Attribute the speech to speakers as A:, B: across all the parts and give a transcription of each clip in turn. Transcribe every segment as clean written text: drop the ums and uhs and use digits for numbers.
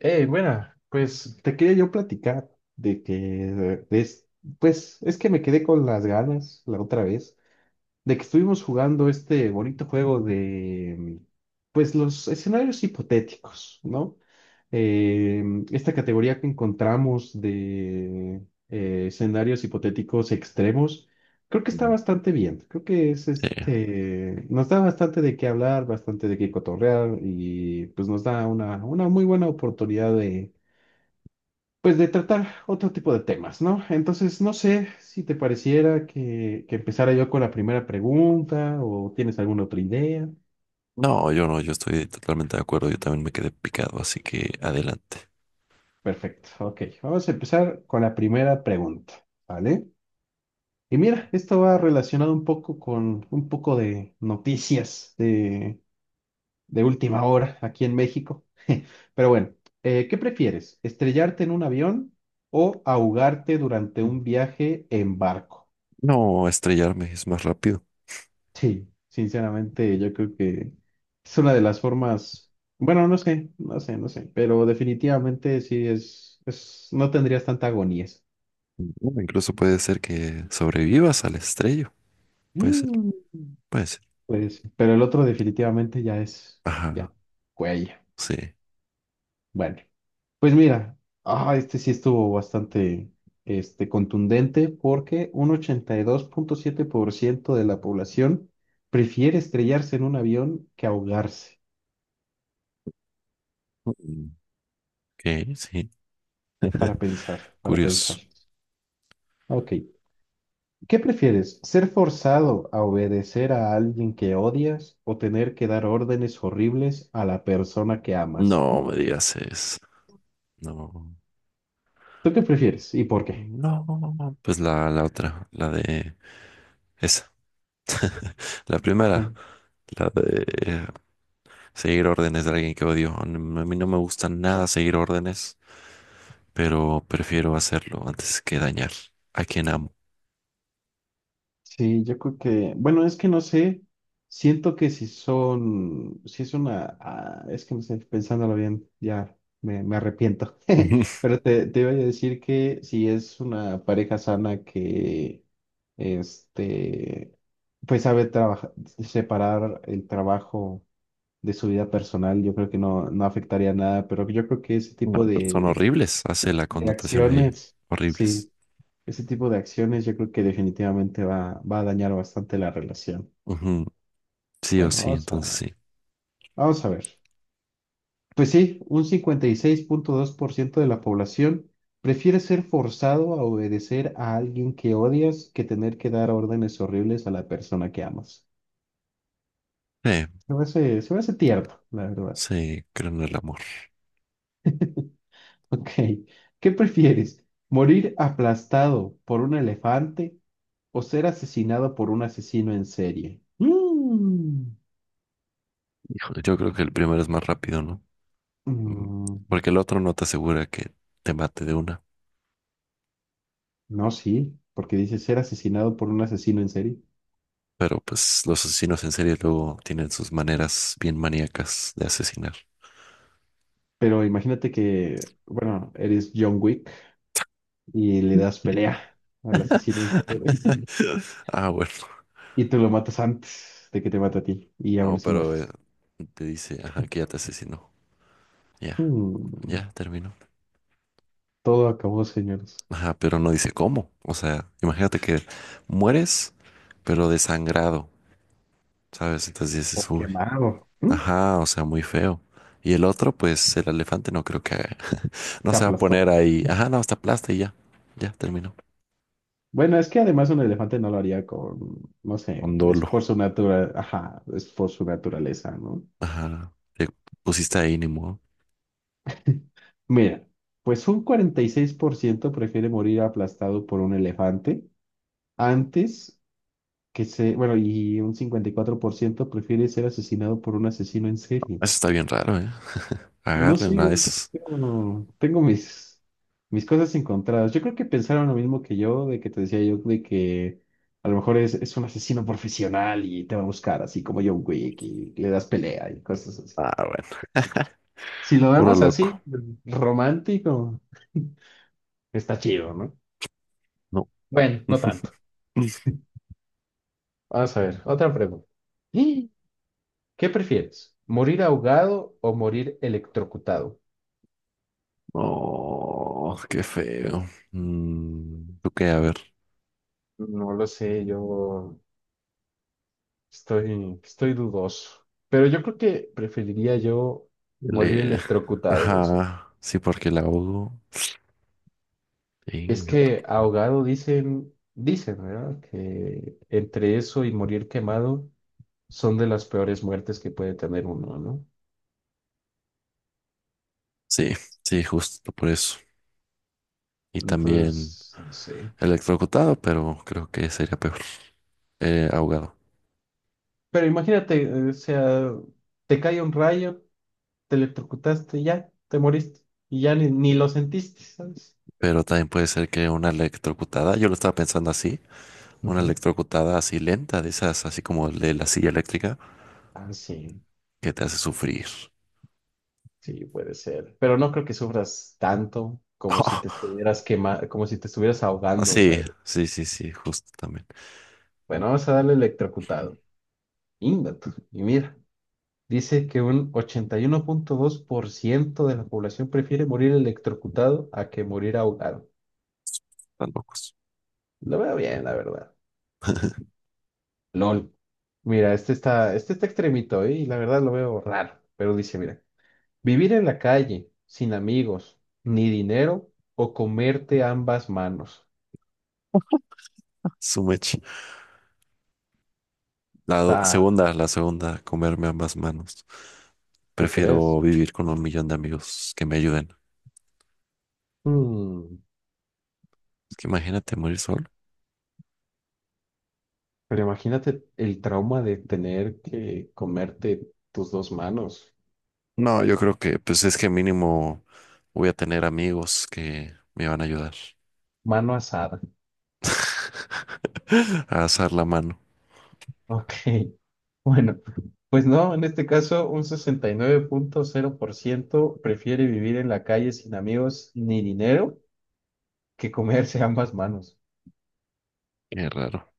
A: Buena, pues te quería yo platicar de que, pues, es que me quedé con las ganas la otra vez de que estuvimos jugando este bonito juego de, pues, los escenarios hipotéticos, ¿no? Eh, Esta categoría que encontramos de escenarios hipotéticos extremos, creo que está
B: Mm,
A: bastante bien. Creo que es
B: sí.
A: este, nos da bastante de qué hablar, bastante de qué cotorrear y pues nos da una muy buena oportunidad pues de tratar otro tipo de temas, ¿no? Entonces, no sé si te pareciera que empezara yo con la primera pregunta o tienes alguna otra idea.
B: No, yo estoy totalmente de acuerdo. Yo también me quedé picado, así que adelante.
A: Perfecto, ok. Vamos a empezar con la primera pregunta, ¿vale? Y mira, esto va relacionado un poco con un poco de noticias de última hora aquí en México. Pero bueno, ¿qué prefieres? ¿Estrellarte en un avión o ahogarte durante un viaje en barco?
B: No, estrellarme es más rápido.
A: Sí, sinceramente yo creo que es una de las formas, bueno, no sé, no sé, no sé, pero definitivamente sí es, no tendrías tanta agonía.
B: Bueno, incluso puede ser que sobrevivas al estrello. Puede ser,
A: Mm.
B: puede ser.
A: Pues, pero el otro definitivamente ya es, ya,
B: Ajá,
A: cuello.
B: sí.
A: Bueno, pues mira, ah, este sí estuvo bastante, este, contundente porque un 82.7% de la población prefiere estrellarse en un avión que ahogarse,
B: Mm, ok, sí.
A: para pensar, para pensar.
B: Curioso.
A: Ok. ¿Qué prefieres? ¿Ser forzado a obedecer a alguien que odias o tener que dar órdenes horribles a la persona que amas?
B: No me digas eso. No.
A: ¿Tú qué prefieres y por qué?
B: No. Pues la otra, la de esa. La primera,
A: Bueno,
B: la de seguir órdenes de alguien que odio. A mí no me gusta nada seguir órdenes, pero prefiero hacerlo antes que dañar a quien amo.
A: sí, yo creo que, bueno, es que no sé, siento que si es una, es que no sé, pensándolo bien, ya me arrepiento,
B: Ujú.
A: pero te iba a decir que si es una pareja sana que, este, pues sabe trabajar, separar el trabajo de su vida personal, yo creo que no, no afectaría nada, pero yo creo que ese
B: No,
A: tipo
B: pero son horribles, hace la
A: de
B: connotación ahí,
A: acciones,
B: horribles.
A: sí, ese tipo de acciones yo creo que definitivamente va a dañar bastante la relación.
B: Ujú, sí o
A: Bueno,
B: sí, entonces sí.
A: vamos a ver. Pues sí, un 56.2% de la población prefiere ser forzado a obedecer a alguien que odias que tener que dar órdenes horribles a la persona que amas.
B: Sí,
A: Se me hace tierno, la verdad.
B: sí, creo en el amor.
A: Ok, ¿qué prefieres? ¿Morir aplastado por un elefante o ser asesinado por un asesino en serie? Mm.
B: Híjole, yo creo que el primero es más rápido, ¿no? Mm,
A: Mm,
B: porque el otro no te asegura que te mate de una.
A: no, sí, porque dice ser asesinado por un asesino en serie.
B: Pero pues los asesinos en serie luego tienen sus maneras bien maníacas de asesinar.
A: Pero imagínate que, bueno, eres John Wick y le das pelea al asesino en serie
B: Ah, bueno.
A: y te lo matas antes de que te mate a ti y aún
B: No,
A: así
B: pero
A: mueres.
B: te dice, ajá, que ya te asesinó. Ya,
A: Mm.
B: ya terminó.
A: Todo acabó, señores.
B: Ajá, pero no dice cómo. O sea, imagínate que mueres, pero desangrado, ¿sabes? Entonces
A: O
B: dices, uy,
A: quemado. Mm.
B: ajá, o sea, muy feo. Y el otro, pues el elefante no creo que haga- no
A: Te
B: se va a poner
A: aplastó.
B: ahí, ajá, no, hasta aplasta y ya, ya terminó.
A: Bueno, es que además un elefante no lo haría con, no sé,
B: Con
A: es
B: dolo.
A: por su ajá, es por su naturaleza, ¿no?
B: Ajá, te pusiste ahí, ni modo.
A: Mira, pues un 46% prefiere morir aplastado por un elefante antes que se, bueno, y un 54% prefiere ser asesinado por un asesino en serie.
B: Eso está bien raro, ¿eh?
A: No sé,
B: Agarren a esos.
A: es tengo mis cosas encontradas. Yo creo que pensaron lo mismo que yo, de que te decía yo, de que a lo mejor es un asesino profesional y te va a buscar, así como John Wick, y le das pelea y cosas así.
B: Ah, bueno,
A: Si lo
B: puro
A: vemos
B: loco.
A: así, romántico, está chido, ¿no?
B: No.
A: Bueno, no tanto. Vamos a ver, otra pregunta. ¡Ah! ¿Qué prefieres? ¿Morir ahogado o morir electrocutado?
B: No, qué feo. Mm, ¿tú qué? A ver.
A: No lo sé, yo. Estoy dudoso. Pero yo creo que preferiría yo morir
B: Le...
A: electrocutado. O sea,
B: Ajá, sí, porque la ahogo.
A: es
B: Venga, tu-
A: que ahogado dicen, ¿verdad? Que entre eso y morir quemado son de las peores muertes que puede tener uno, ¿no?
B: Sí, sí, justo por eso. Y también
A: Entonces, no sé.
B: electrocutado, pero creo que sería peor. Ahogado.
A: Pero imagínate, o sea, te cae un rayo, te electrocutaste, y ya, te moriste. Y ya ni lo sentiste, ¿sabes?
B: Pero también puede ser que una electrocutada, yo lo estaba pensando así, una
A: Ujú.
B: electrocutada así lenta, de esas, así como el de la silla eléctrica,
A: Ah, sí.
B: que te hace sufrir.
A: Sí, puede ser. Pero no creo que sufras tanto como si te estuvieras quema- como si te estuvieras
B: Ah,
A: ahogando,
B: sí,
A: ¿sabes?
B: sí, sí, sí, justo también.
A: Bueno, vamos a darle electrocutado. Íngatu. Y mira, dice que un 81.2% de la población prefiere morir electrocutado a que morir ahogado.
B: Están locos.
A: Lo veo bien, la verdad. LOL. Mira, este está extremito, ¿eh? Y la verdad lo veo raro. Pero dice, mira, vivir en la calle, sin amigos, ni dinero, o comerte ambas manos.
B: Su la do-
A: Está,
B: segunda, la segunda, comerme ambas manos.
A: ¿tú crees?
B: Prefiero vivir con un millón de amigos que me ayuden.
A: Mm,
B: Es que imagínate morir solo.
A: pero imagínate el trauma de tener que comerte tus dos manos.
B: No, yo creo que, pues es que mínimo voy a tener amigos que me van a ayudar
A: Mano asada.
B: a asar la mano.
A: Ok. Bueno, pues no, en este caso un 69.0% prefiere vivir en la calle sin amigos ni dinero que comerse ambas manos.
B: Qué raro,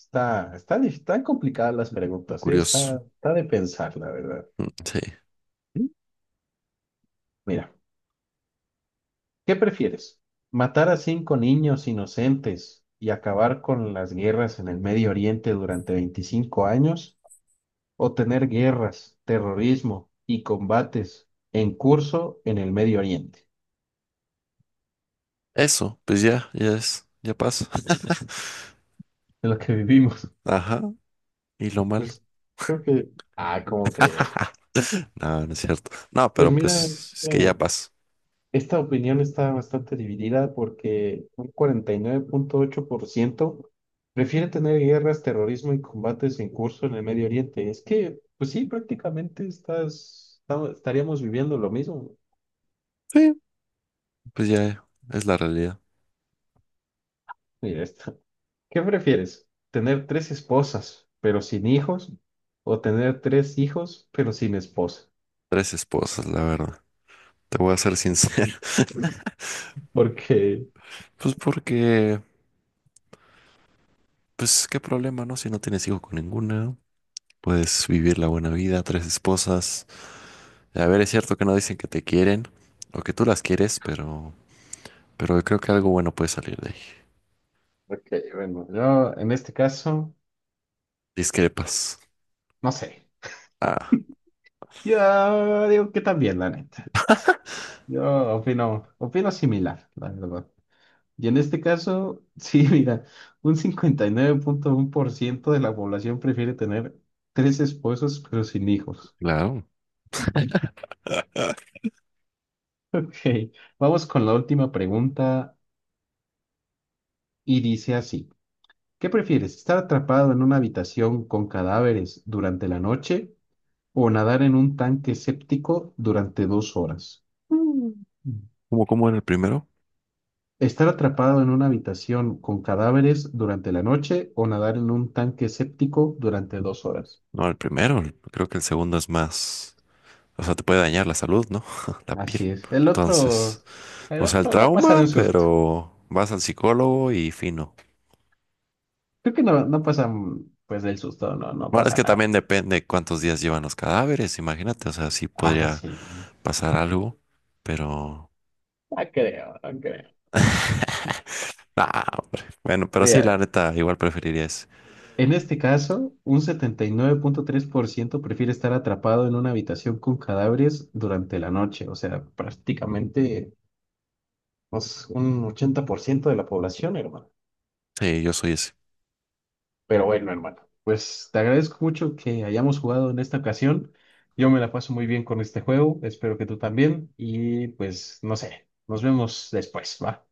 A: Está, están complicadas las
B: o
A: preguntas, ¿eh?
B: curioso.
A: Está de pensar, la verdad.
B: Mm, sí.
A: Mira. ¿Qué prefieres? ¿Matar a cinco niños inocentes y acabar con las guerras en el Medio Oriente durante 25 años? ¿O tener guerras, terrorismo y combates en curso en el Medio Oriente?
B: Eso, pues ya, ya es, ya pasa.
A: De lo que vivimos.
B: Ajá. Y lo malo.
A: Pues creo que. Ah, ¿cómo cree?
B: No, no es cierto. No,
A: Pues
B: pero
A: mira,
B: pues es que ya
A: eh,
B: pasa.
A: esta opinión está bastante dividida porque un 49.8% prefiere tener guerras, terrorismo y combates en curso en el Medio Oriente. Es que, pues sí, prácticamente estaríamos viviendo lo mismo.
B: Sí, pues ya es la realidad.
A: Mira esta. ¿Qué prefieres? ¿Tener tres esposas pero sin hijos? ¿O tener tres hijos pero sin esposa?
B: Tres esposas, la verdad. Te voy a ser sincero.
A: Porque,
B: Pues porque, pues qué problema, ¿no? Si no tienes hijos con ninguna, puedes vivir la buena vida, tres esposas. A ver, es cierto que no dicen que te quieren o que tú las quieres, pero creo que algo bueno puede salir de ahí.
A: porque, bueno, yo en este caso,
B: Discrepas.
A: no sé.
B: Ah,
A: Yo digo que también, la neta. Yo opino similar, la verdad. Y en este caso, sí, mira, un 59.1% de la población prefiere tener tres esposos pero sin hijos.
B: claro. Ah,
A: Ok, vamos con la última pregunta y dice así, ¿qué prefieres, estar atrapado en una habitación con cadáveres durante la noche o nadar en un tanque séptico durante 2 horas? Mm.
B: ¿cómo, cómo era el primero?
A: Estar atrapado en una habitación con cadáveres durante la noche o nadar en un tanque séptico durante dos horas.
B: No, el primero. El- creo que el segundo es más. O sea, te puede dañar la salud, ¿no? La piel.
A: Así es. El otro,
B: Entonces,
A: el
B: o sea, el
A: otro no pasa
B: trauma,
A: de un susto.
B: pero vas al psicólogo y fino.
A: Creo que no, no pasa pues del susto, no, no
B: Bueno, es
A: pasa
B: que
A: nada.
B: también depende cuántos días llevan los cadáveres, imagínate, o sea, sí
A: Ah,
B: podría
A: sí.
B: pasar algo, pero...
A: No creo, no creo.
B: Ah, hombre. Bueno, pero sí, la
A: Mira,
B: neta, igual preferiría ese.
A: en este caso, un 79.3% prefiere estar atrapado en una habitación con cadáveres durante la noche. O sea, prácticamente pues, un 80% de la población, hermano.
B: Sí, yo soy ese.
A: Pero bueno, hermano, pues te agradezco mucho que hayamos jugado en esta ocasión. Yo me la paso muy bien con este juego, espero que tú también y pues no sé, nos vemos después, ¿va?